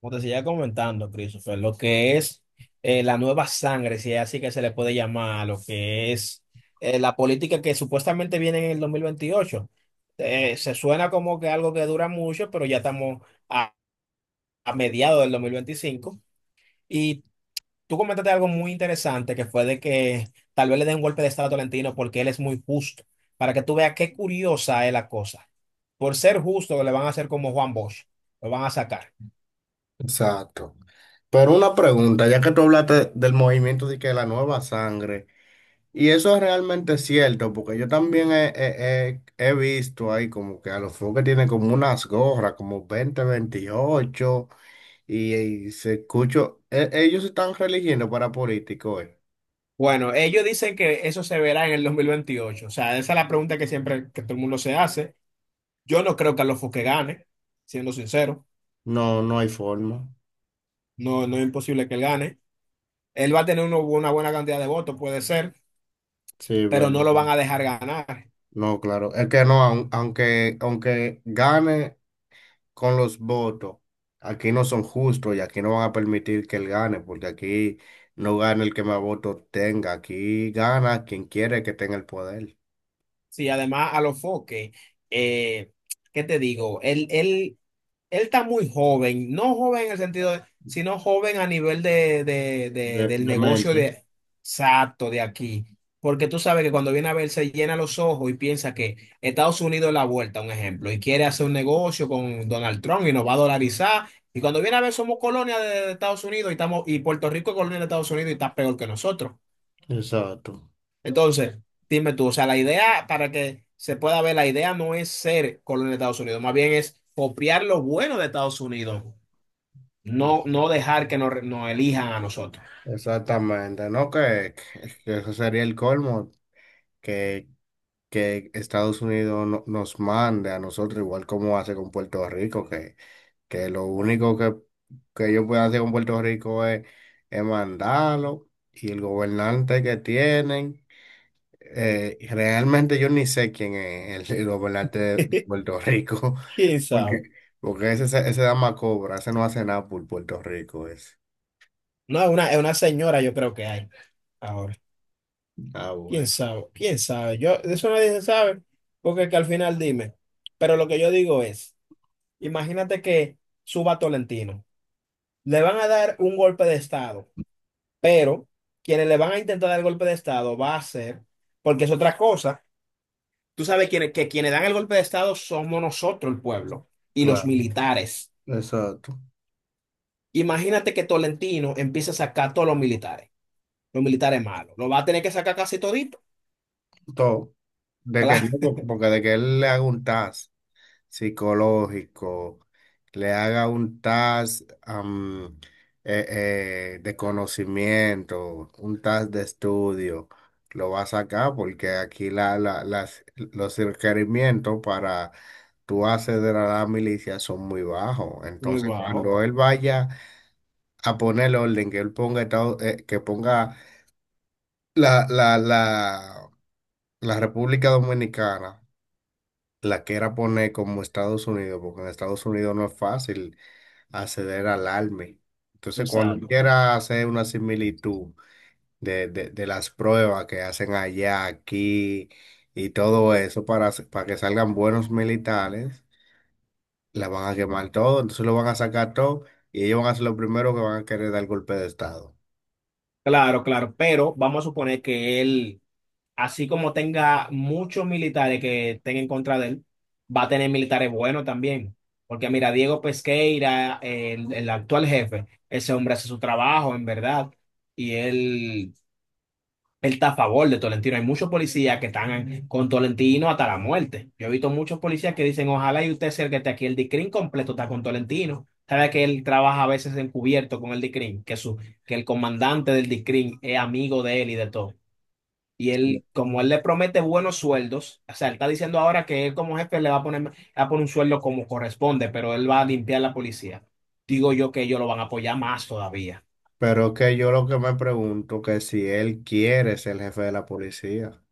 Como te seguía comentando, Christopher, lo que es la nueva sangre, si es así que se le puede llamar, lo que es la política que supuestamente viene en el 2028. Se suena como que algo que dura mucho, pero ya estamos a, a mediados del 2025. Y tú comentaste algo muy interesante, que fue de que tal vez le den un golpe de estado a Tolentino porque él es muy justo, para que tú veas qué curiosa es la cosa. Por ser justo, le van a hacer como Juan Bosch, lo van a sacar. Exacto. Pero una pregunta, ya que tú hablaste del movimiento de que la nueva sangre, y eso es realmente cierto, porque yo también he visto ahí como que a los que tienen como unas gorras, como 20, 28 y se escucho, ellos se están religiendo para políticos. Bueno, ellos dicen que eso se verá en el 2028. O sea, esa es la pregunta que siempre que todo el mundo se hace. Yo no creo que Alonso que gane, siendo sincero. No, no hay forma. No, no es imposible que él gane. Él va a tener una buena cantidad de votos, puede ser, Sí, pero pero no lo van a dejar ganar. no, claro. Es que no, aunque gane. Con los votos, aquí no son justos y aquí no van a permitir que él gane, porque aquí no gana el que más votos tenga, aquí gana quien quiere que tenga el poder. Sí, además Alonso que, eh, ¿qué te digo? Él él está muy joven, no joven en el sentido de, sino joven a nivel de, de- de- del negocio Demente. de exacto de aquí. Porque tú sabes que cuando viene a ver se llena los ojos y piensa que Estados Unidos es la vuelta, un ejemplo, y quiere hacer un negocio con Donald Trump y nos va a dolarizar. Y cuando viene a ver somos colonia de Estados Unidos y estamos, y Puerto Rico es colonia de Estados Unidos y está peor que nosotros. Exacto. Entonces, dime tú, o sea, la idea para que se pueda ver, la idea no es ser colonia de Estados Unidos, más bien es copiar lo bueno de Estados Unidos no, no dejar que nos elijan a nosotros. Exactamente, ¿no? Que eso sería el colmo, que, que Estados Unidos nos mande a nosotros, igual como hace con Puerto Rico, que lo único que ellos pueden hacer con Puerto Rico es mandarlo y el gobernante que tienen. Realmente yo ni sé quién es el gobernante de Puerto Rico. ¿Quién sabe? porque, porque ese dama cobra, ese no hace nada por Puerto Rico, ese. No, es una señora yo creo que hay ahora. Ah, ¿Quién bueno, sabe? ¿Quién sabe? Yo, de eso nadie se sabe, porque es que al final dime. Pero lo que yo digo es, imagínate que suba Tolentino. Le van a dar un golpe de estado, pero quienes le van a intentar dar el golpe de estado va a ser, porque es otra cosa. Tú sabes que quienes dan el golpe de estado somos nosotros, el pueblo, y los claro, militares. exacto. Imagínate que Tolentino empieza a sacar todos los militares malos. Lo va a tener que sacar casi todito. Todo. De que, Claro, porque de que él le haga un TAS psicológico, le haga un task eh, de conocimiento, un task de estudio, lo va a sacar porque aquí los requerimientos para tú acceder a la milicia son muy bajos. muy Entonces, bajo. cuando él vaya a poner el orden, que ponga la, la, la, la República Dominicana la quiera poner como Estados Unidos, porque en Estados Unidos no es fácil acceder al ALME. Entonces, cuando uno Exacto. quiera hacer una similitud de las pruebas que hacen allá, aquí y todo eso para que salgan buenos militares, la van a quemar todo, entonces lo van a sacar todo y ellos van a ser los primeros que van a querer dar golpe de Estado. Claro, claro, pero vamos a suponer que él, así como tenga muchos militares que estén en contra de él, va a tener militares buenos también. Porque mira, Diego Pesqueira, el actual jefe, ese hombre hace su trabajo, en verdad, y él él está a favor de Tolentino. Hay muchos policías que están con Tolentino hasta la muerte. Yo he visto muchos policías que dicen, ojalá y usted sea el que esté aquí. El DICRIM completo está con Tolentino. Sabe que él trabaja a veces encubierto con el DICRIM, que, su, que el comandante del DICRIM es amigo de él y de todo. Y Sí. él, como él le promete buenos sueldos, o sea, él está diciendo ahora que él como jefe le va a poner, le va a poner un sueldo como corresponde, pero él va a limpiar la policía. Digo yo que ellos lo van a apoyar más todavía. Pero que yo lo que me pregunto que si él quiere ser el jefe de la policía.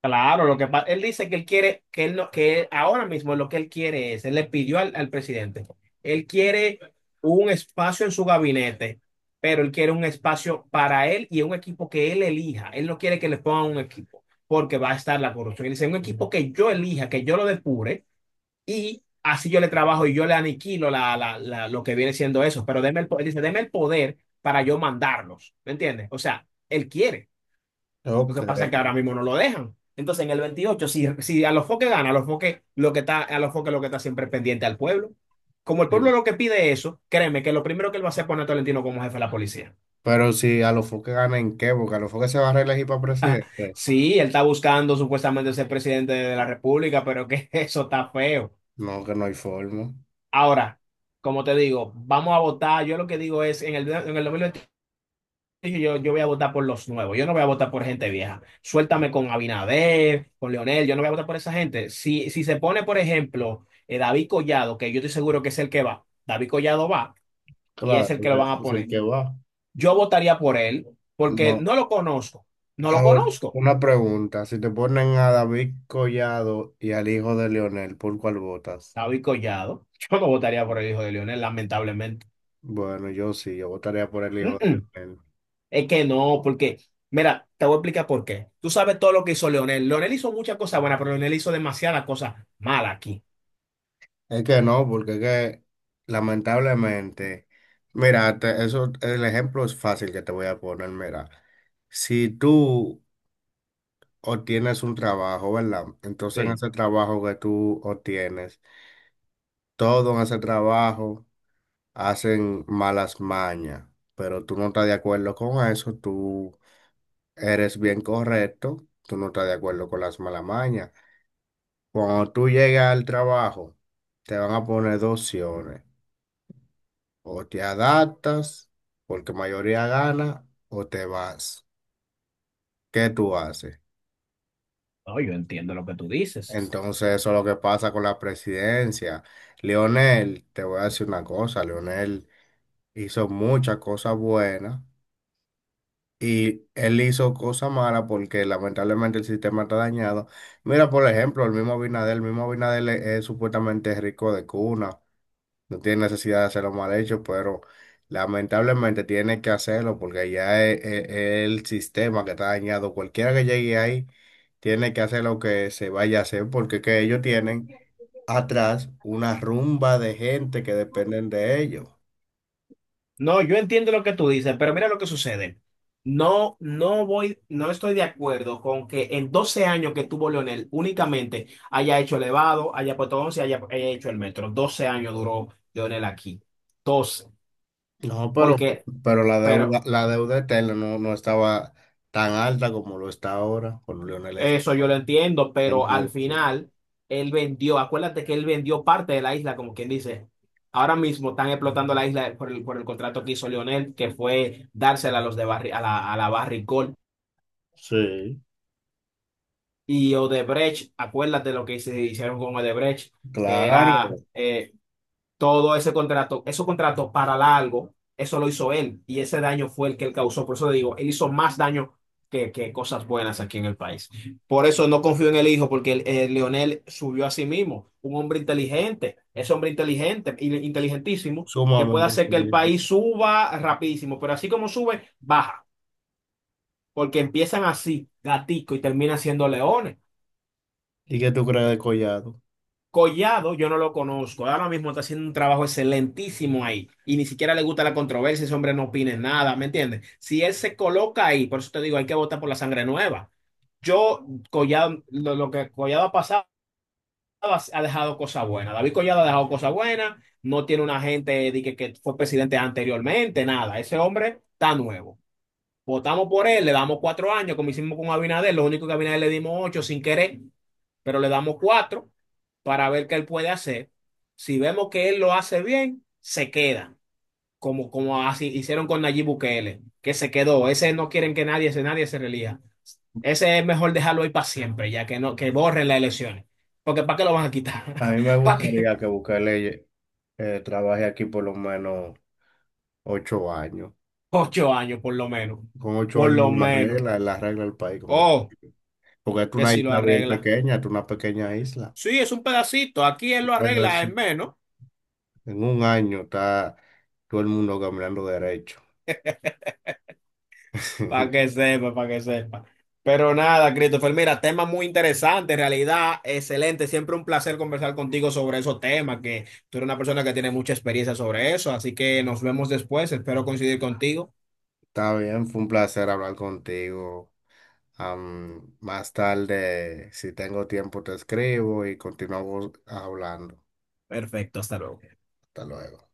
Claro, lo que pasa, él dice que él quiere, que él no, que él- ahora mismo lo que él quiere es, él le pidió al, al presidente, él quiere un espacio en su gabinete, pero él quiere un espacio para él y un equipo que él elija. Él no quiere que le pongan un equipo, porque va a estar la corrupción. Él dice, un equipo que yo elija, que yo lo depure y así yo le trabajo y yo le aniquilo la, la, la- lo que viene siendo eso. Pero deme el, po- él dice, deme el poder para yo mandarlos, ¿me entiendes? O sea, él quiere. Lo Ok, que pasa es que ahora mismo no lo dejan. Entonces, en el 28 si, a los foques gana, a los foques lo que está, a los foques lo que está siempre es pendiente al pueblo. Como el pueblo sí. lo que pide eso, créeme que lo primero que él va a hacer es poner a Tolentino como jefe de la policía. Pero si a los que gana en qué, porque a los que se va a reelegir para presidente. Sí, él está buscando supuestamente ser presidente de la República, pero que eso está feo. No, que no hay forma. Ahora, como te digo, vamos a votar. Yo lo que digo es, en el, 2021 dije, yo voy a votar por los nuevos, yo no voy a votar por gente vieja. Suéltame con Abinader, con Leonel, yo no voy a votar por esa gente. si se pone, por ejemplo, David Collado, que yo estoy seguro que es el que va, David Collado va y Claro, es el que porque lo van a es el poner. que va. Yo votaría por él porque No. no lo conozco, no lo Ahora, conozco. una pregunta. Si te ponen a David Collado y al hijo de Leonel, ¿por cuál votas? David Collado, yo no votaría por el hijo de Leonel, lamentablemente. Bueno, yo sí, yo votaría por el hijo de Mm-mm. Leonel. Es que no, porque, mira, te voy a explicar por qué. Tú sabes todo lo que hizo Leonel. Leonel hizo muchas cosas buenas, pero Leonel hizo demasiadas cosas malas aquí. Es que no, porque es que lamentablemente, mira, eso, el ejemplo es fácil que te voy a poner, mira. Si tú obtienes un trabajo, ¿verdad? Entonces en Sí. ese trabajo que tú obtienes, todo en ese trabajo hacen malas mañas, pero tú no estás de acuerdo con eso, tú eres bien correcto, tú no estás de acuerdo con las malas mañas. Cuando tú llegas al trabajo, te van a poner dos opciones, o te adaptas porque mayoría gana, o te vas. ¿Qué tú haces? No, yo entiendo lo que tú dices. Entonces, eso es lo que pasa con la presidencia. Leonel, te voy a decir una cosa, Leonel hizo muchas cosas buenas y él hizo cosas malas porque lamentablemente el sistema está dañado. Mira, por ejemplo, el mismo Abinader es supuestamente rico de cuna, no tiene necesidad de hacerlo mal hecho, pero lamentablemente tiene que hacerlo porque ya es el sistema que está dañado. Cualquiera que llegue ahí tiene que hacer lo que se vaya a hacer porque es que ellos tienen atrás una rumba de gente que dependen de ellos. No, yo entiendo lo que tú dices, pero mira lo que sucede. No, no voy, no estoy de acuerdo con que en 12 años que tuvo Leonel únicamente haya hecho elevado, haya puesto 11, haya, haya hecho el metro. 12 años duró Leonel aquí. 12, No, pero porque, Pero la deuda, pero la deuda eterna no estaba tan alta como lo está ahora con Lionel Messi. eso yo lo entiendo, pero al Entonces, final él vendió, acuérdate que él vendió parte de la isla, como quien dice. Ahora mismo están explotando la isla por el, contrato que hizo Lionel, que fue dársela a los de a la Barrick Gold. sí. Y Odebrecht, acuérdate lo que se hicieron con Odebrecht, que era, Claro, todo ese contrato, esos contratos para largo, eso lo hizo él y ese daño fue el que él causó. Por eso digo, él hizo más daño que cosas buenas aquí en el país. Por eso no confío en el hijo, porque el Leonel subió a sí mismo, un hombre inteligente, es hombre inteligente, inteligentísimo, que puede sumamente hacer que el difícil. país suba rapidísimo, pero así como sube, baja, porque empiezan así, gatico, y terminan siendo leones. ¿Y qué tú crees de Collado? Collado, yo no lo conozco. Ahora mismo está haciendo un trabajo excelentísimo ahí. Y ni siquiera le gusta la controversia, ese hombre no opine nada, ¿me entiendes? Si él se coloca ahí, por eso te digo, hay que votar por la sangre nueva. Yo, Collado, lo que Collado ha pasado ha dejado cosas buenas. David Collado ha dejado cosas buenas, no tiene una gente de que fue presidente anteriormente, nada. Ese hombre está nuevo. Votamos por él, le damos 4 años, como hicimos con Abinader, lo único que a Abinader le dimos 8 sin querer pero le damos 4 para ver qué él puede hacer. Si vemos que él lo hace bien, se queda, como, así hicieron con Nayib Bukele, que se quedó. Ese no quieren que nadie, ese nadie se relija. Ese es mejor dejarlo ahí para siempre, ya que no, que borren las elecciones. Porque ¿para qué lo van a A quitar? mí me ¿Para qué? gustaría que Bukele trabaje aquí por lo menos 8 años. 8 años por lo menos. Con ocho Por años lo lo menos. arregla, él arregla el país con ocho Oh, años. Porque es que una si lo isla bien arregla. pequeña, es una pequeña isla. Sí, es un pedacito. Aquí él lo arregla en menos. En un año está todo el mundo caminando derecho. Para que sepa, para que sepa. Pero nada, Christopher, mira, tema muy interesante, en realidad, excelente. Siempre un placer conversar contigo sobre esos temas, que tú eres una persona que tiene mucha experiencia sobre eso, así que nos vemos después, espero coincidir contigo. Está bien, fue un placer hablar contigo. Más tarde, si tengo tiempo, te escribo y continuamos hablando. Perfecto, hasta luego. Hasta luego.